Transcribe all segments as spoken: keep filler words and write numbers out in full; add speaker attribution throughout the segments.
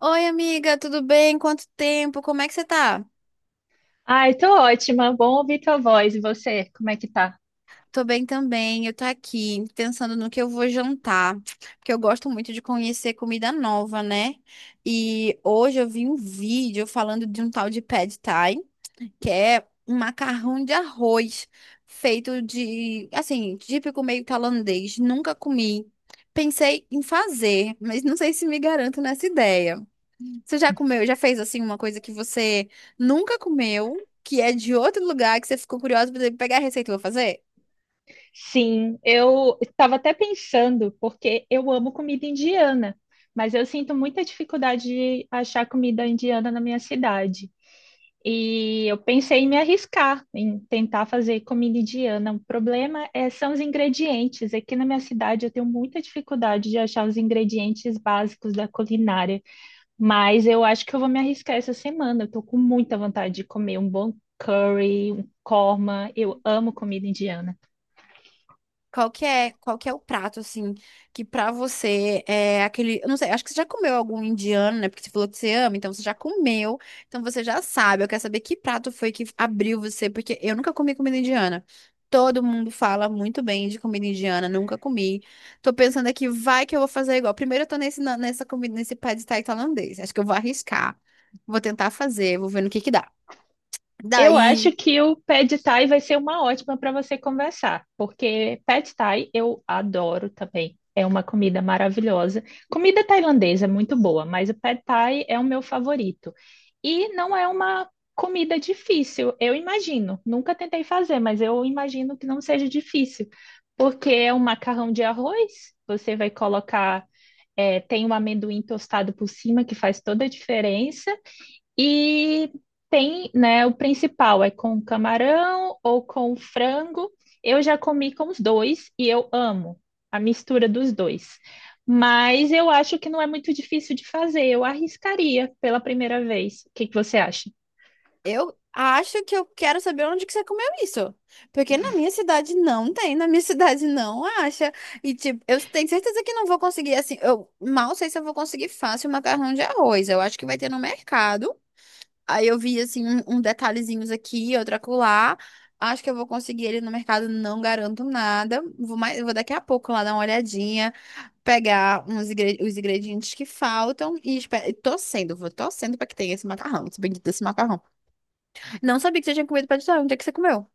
Speaker 1: Oi, amiga, tudo bem? Quanto tempo? Como é que você tá?
Speaker 2: Ai, tô ótima. Bom ouvir tua voz. E você, como é que tá?
Speaker 1: Tô bem também. Eu tô aqui pensando no que eu vou jantar, porque eu gosto muito de conhecer comida nova, né? E hoje eu vi um vídeo falando de um tal de pad thai, que é um macarrão de arroz feito de, assim, típico meio tailandês. Nunca comi. Pensei em fazer, mas não sei se me garanto nessa ideia. Você já comeu, já fez assim uma coisa que você nunca comeu, que é de outro lugar, que você ficou curiosa pra pegar a receita e vou fazer?
Speaker 2: Sim, eu estava até pensando, porque eu amo comida indiana, mas eu sinto muita dificuldade de achar comida indiana na minha cidade. E eu pensei em me arriscar, em tentar fazer comida indiana. O problema é, são os ingredientes. Aqui na minha cidade eu tenho muita dificuldade de achar os ingredientes básicos da culinária. Mas eu acho que eu vou me arriscar essa semana. Eu tô com muita vontade de comer um bom curry, um korma. Eu amo comida indiana.
Speaker 1: Qual que é, qual que é o prato, assim, que pra você é aquele. Eu não sei, acho que você já comeu algum indiano, né? Porque você falou que você ama, então você já comeu, então você já sabe. Eu quero saber que prato foi que abriu você, porque eu nunca comi comida indiana. Todo mundo fala muito bem de comida indiana, nunca comi. Tô pensando aqui, vai que eu vou fazer igual. Primeiro eu tô nesse, na- nessa comida, nesse pad thai tailandês. Acho que eu vou arriscar. Vou tentar fazer, vou ver no que que dá.
Speaker 2: Eu acho
Speaker 1: Daí.
Speaker 2: que o Pad Thai vai ser uma ótima para você conversar, porque Pad Thai eu adoro também. É uma comida maravilhosa. Comida tailandesa é muito boa, mas o Pad Thai é o meu favorito. E não é uma comida difícil, eu imagino. Nunca tentei fazer, mas eu imagino que não seja difícil, porque é um macarrão de arroz, você vai colocar, eh, tem um amendoim tostado por cima que faz toda a diferença. E tem, né, o principal é com camarão ou com frango. Eu já comi com os dois e eu amo a mistura dos dois. Mas eu acho que não é muito difícil de fazer. Eu arriscaria pela primeira vez. O que que você acha?
Speaker 1: Eu acho que eu quero saber onde que você comeu isso. Porque na minha cidade não tem, na minha cidade não acha. E tipo, eu tenho certeza que não vou conseguir assim. Eu mal sei se eu vou conseguir fácil macarrão de arroz. Eu acho que vai ter no mercado. Aí eu vi assim um, um detalhezinhos aqui, outro acolá. Acho que eu vou conseguir ele no mercado, não garanto nada. Vou mais, vou daqui a pouco lá dar uma olhadinha, pegar uns ingre- os ingredientes que faltam e espe- e torcendo, vou torcendo para que tenha esse macarrão, esse bendito desse macarrão. Não sabia que você tinha comido pastel. Onde é que você comeu?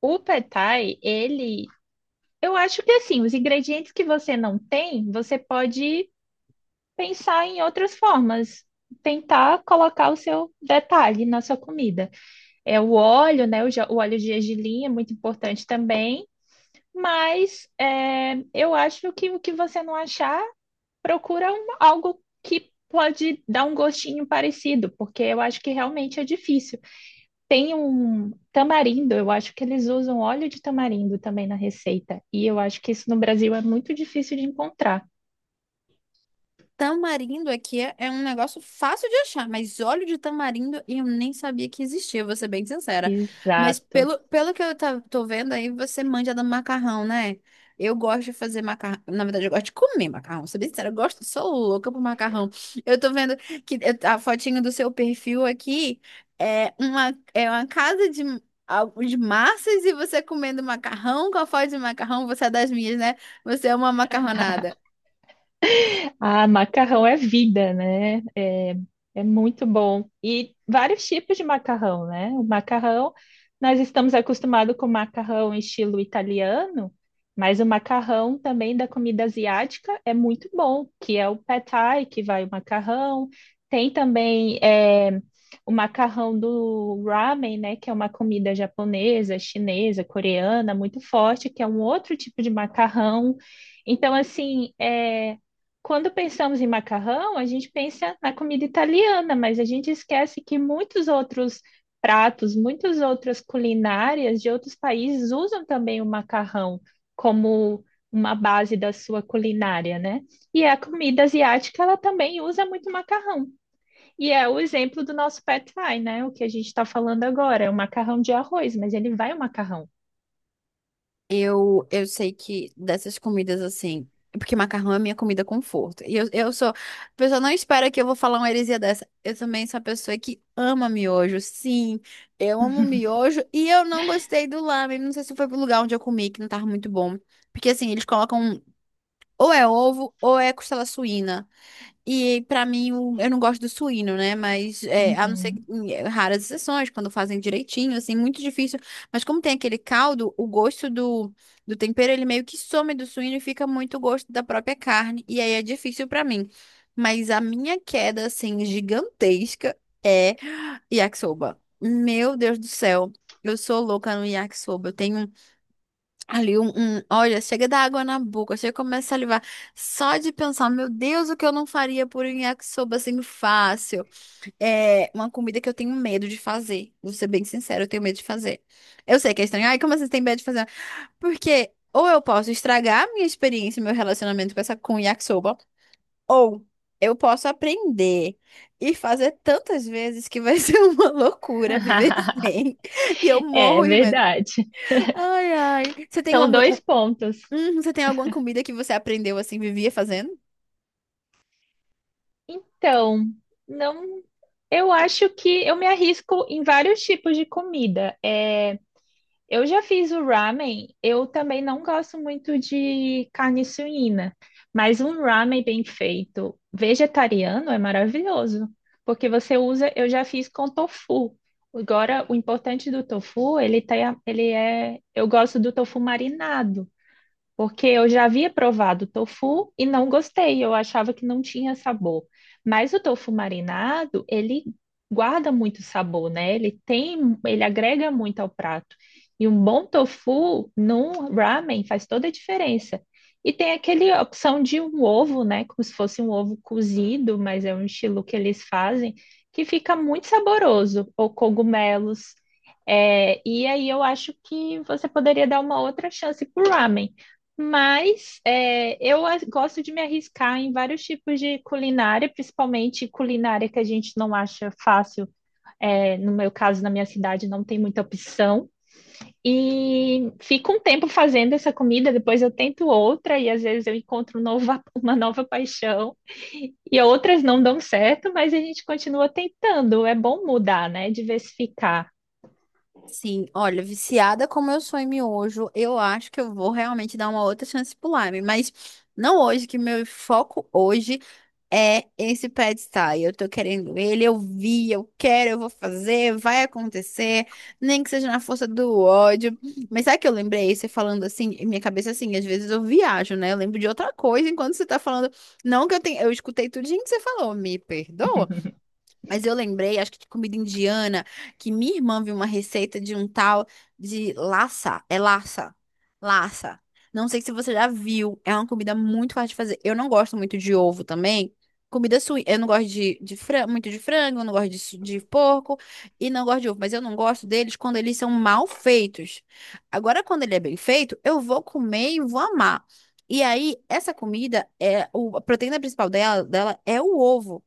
Speaker 2: O pad thai, ele, eu acho que assim, os ingredientes que você não tem, você pode pensar em outras formas, tentar colocar o seu detalhe na sua comida. É o óleo, né? O, ja- o óleo de gergelim é muito importante também, mas é, eu acho que o que você não achar, procura um- algo que pode dar um gostinho parecido, porque eu acho que realmente é difícil. Tem um tamarindo, eu acho que eles usam óleo de tamarindo também na receita, e eu acho que isso no Brasil é muito difícil de encontrar.
Speaker 1: Tamarindo aqui é é um negócio fácil de achar, mas óleo de tamarindo eu nem sabia que existia, vou ser bem sincera. Mas
Speaker 2: Exato.
Speaker 1: pelo, pelo que eu tá- tô vendo aí, você manja do macarrão, né? Eu gosto de fazer macarrão. Na verdade, eu gosto de comer macarrão. Ser bem sincera, eu gosto, sou louca por macarrão. Eu tô vendo que eu- a fotinho do seu perfil aqui é uma, é uma casa de, algo de massas e você comendo macarrão com a foto de macarrão, você é das minhas, né? Você é uma macarronada.
Speaker 2: Ah, macarrão é vida, né? É, é muito bom. E vários tipos de macarrão, né? O macarrão, nós estamos acostumados com macarrão em estilo italiano, mas o macarrão também da comida asiática é muito bom, que é o pad thai, que vai o macarrão. Tem também eh, o macarrão do ramen, né? Que é uma comida japonesa, chinesa, coreana, muito forte, que é um outro tipo de macarrão. Então, assim, é quando pensamos em macarrão, a gente pensa na comida italiana, mas a gente esquece que muitos outros pratos, muitas outras culinárias de outros países usam também o macarrão como uma base da sua culinária, né? E a comida asiática, ela também usa muito macarrão. E é o exemplo do nosso pad thai, né? O que a gente está falando agora, é o macarrão de arroz, mas ele vai o macarrão.
Speaker 1: Eu, eu sei que dessas comidas assim. Porque macarrão é minha comida conforto. E eu, eu sou. A pessoa não espera que eu vou falar uma heresia dessa. Eu também sou a pessoa que ama miojo. Sim, eu amo miojo. E eu não gostei do lamen. Não sei se foi pro lugar onde eu comi, que não tava muito bom. Porque assim, eles colocam. Ou é ovo, ou é costela suína. E pra mim, o- eu não gosto do suíno, né? Mas é, a não ser
Speaker 2: Uhum.
Speaker 1: que- em é, raras exceções, quando fazem direitinho, assim, muito difícil. Mas como tem aquele caldo, o gosto do, do tempero, ele meio que some do suíno e fica muito o gosto da própria carne. E aí é difícil pra mim. Mas a minha queda, assim, gigantesca é yakisoba. Meu Deus do céu. Eu sou louca no yakisoba. Eu tenho Ali um, um- olha, chega da água na boca, chega e começa a salivar. Só de pensar, meu Deus, o que eu não faria por um yakisoba assim fácil. É uma comida que eu tenho medo de fazer. Vou ser bem sincera, eu tenho medo de fazer. Eu sei que é estranho. Ai, como vocês têm medo de fazer? Porque ou eu posso estragar a minha experiência, meu relacionamento com essa com o yakisoba, ou eu posso aprender e fazer tantas vezes que vai ser uma loucura viver sem. E eu
Speaker 2: É
Speaker 1: morro de medo.
Speaker 2: verdade.
Speaker 1: Ai, ai. Você tem
Speaker 2: São
Speaker 1: uma.
Speaker 2: dois pontos.
Speaker 1: Hum, você tem alguma comida que você aprendeu assim, vivia fazendo?
Speaker 2: Então, não, eu acho que eu me arrisco em vários tipos de comida. É, eu já fiz o ramen, eu também não gosto muito de carne suína, mas um ramen bem feito, vegetariano, é maravilhoso, porque você usa, eu já fiz com tofu. Agora, o importante do tofu, ele tem, a- ele é, eu gosto do tofu marinado. Porque eu já havia provado o tofu e não gostei, eu achava que não tinha sabor. Mas o tofu marinado, ele guarda muito sabor, né? Ele tem, ele agrega muito ao prato. E um bom tofu num ramen faz toda a diferença. E tem aquele opção de um ovo, né? Como se fosse um ovo cozido, mas é um estilo que eles fazem, que fica muito saboroso, ou cogumelos. É, e aí eu acho que você poderia dar uma outra chance pro ramen. Mas é, eu as- gosto de me arriscar em vários tipos de culinária, principalmente culinária que a gente não acha fácil. É, no meu caso, na minha cidade, não tem muita opção. E fico um tempo fazendo essa comida, depois eu tento outra, e às vezes eu encontro um nova- uma nova paixão. E outras não dão certo, mas a gente continua tentando. É bom mudar, né? Diversificar.
Speaker 1: Sim, olha, viciada como eu sou em miojo, eu acho que eu vou realmente dar uma outra chance pro Lime, mas não hoje, que meu foco hoje é esse pad thai. Eu tô querendo ele, eu vi, eu quero, eu vou fazer, vai acontecer, nem que seja na força do ódio. Mas sabe que eu lembrei, você falando assim, em minha cabeça assim, às vezes eu viajo, né? Eu lembro de outra coisa enquanto você tá falando. Não que eu tenha, eu escutei tudinho que você falou, me perdoa. Mas eu lembrei, acho que de comida indiana, que minha irmã viu uma receita de um tal de lassa. É lassa. Lassa. Não sei se você já viu. É uma comida muito fácil de fazer. Eu não gosto muito de ovo também. Comida sui. Eu não gosto de, de fran- muito de frango, eu não gosto de, su- de porco e não gosto de ovo. Mas eu não gosto deles quando eles são mal feitos. Agora, quando ele é bem feito, eu vou comer e vou amar. E aí, essa comida, é o, a proteína principal dela, dela é o ovo.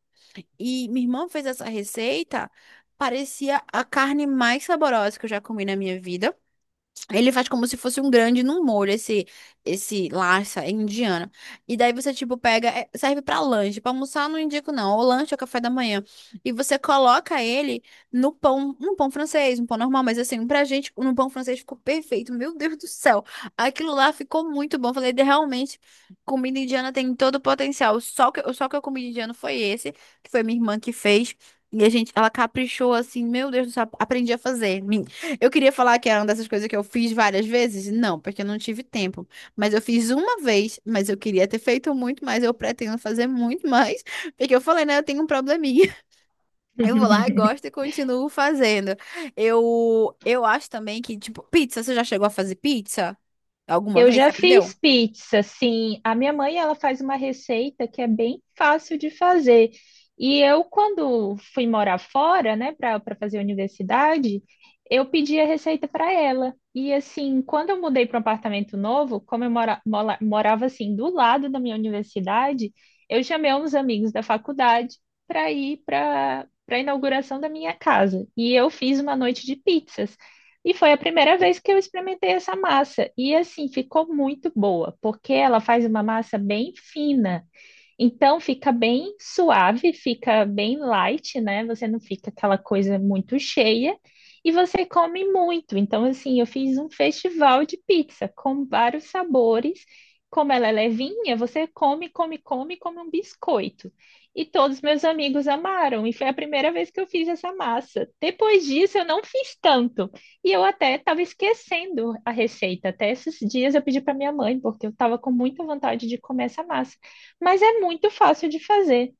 Speaker 1: E minha irmã fez essa receita, parecia a carne mais saborosa que eu já comi na minha vida. Ele faz como se fosse um grande num molho, esse, esse larsa indiana. E daí você, tipo, pega, é, serve pra lanche. Pra almoçar, eu não indico, não. Ou lanche ou café da manhã. E você coloca ele no pão, um pão francês, um pão normal. Mas assim, pra gente, no pão francês ficou perfeito. Meu Deus do céu. Aquilo lá ficou muito bom. Falei, "De- realmente, comida indiana tem todo o potencial. Só que, só que eu comi indiano foi esse, que foi minha irmã que fez. E a gente, ela caprichou assim, meu Deus do céu, aprendi a fazer. Eu queria falar que era uma dessas coisas que eu fiz várias vezes? Não, porque eu não tive tempo. Mas eu fiz uma vez, mas eu queria ter feito muito mais, eu pretendo fazer muito mais, porque eu falei, né, eu tenho um probleminha. Eu vou lá, gosto e continuo fazendo. Eu eu acho também que, tipo, pizza, você já chegou a fazer pizza? Alguma
Speaker 2: Eu
Speaker 1: vez?
Speaker 2: já
Speaker 1: Você aprendeu?
Speaker 2: fiz pizza, sim. A minha mãe, ela faz uma receita que é bem fácil de fazer. E eu, quando fui morar fora, né, para para fazer universidade, eu pedi a receita para ela. E assim, quando eu mudei para um apartamento novo, como eu mora, mola- morava assim do lado da minha universidade, eu chamei uns amigos da faculdade para ir para para a inauguração da minha casa. E eu fiz uma noite de pizzas. E foi a primeira vez que eu experimentei essa massa. E assim, ficou muito boa, porque ela faz uma massa bem fina. Então fica bem suave, fica bem light, né? Você não fica aquela coisa muito cheia e você come muito. Então, assim, eu fiz um festival de pizza com vários sabores. Como ela é levinha, você come, come, come, come um biscoito. E todos meus amigos amaram, e foi a primeira vez que eu fiz essa massa. Depois disso, eu não fiz tanto. E eu até estava esquecendo a receita. Até esses dias eu pedi para minha mãe, porque eu estava com muita vontade de comer essa massa. Mas é muito fácil de fazer.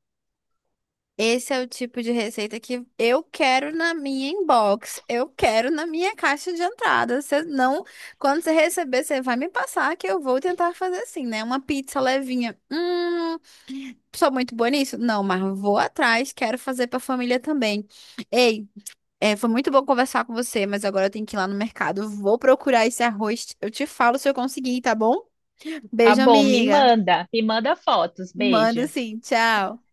Speaker 1: Esse é o tipo de receita que eu quero na minha inbox, eu quero na minha caixa de entrada. Você não, quando você receber, você vai me passar que eu vou tentar fazer assim, né? Uma pizza levinha. Hum, sou muito boa nisso? Não, mas vou atrás, quero fazer pra família também. Ei, é, foi muito bom conversar com você, mas agora eu tenho que ir lá no mercado. Vou procurar esse arroz. Eu te falo se eu conseguir, tá bom?
Speaker 2: Tá
Speaker 1: Beijo,
Speaker 2: bom, me
Speaker 1: amiga.
Speaker 2: manda. Me manda fotos.
Speaker 1: Manda
Speaker 2: Beijo.
Speaker 1: sim, tchau.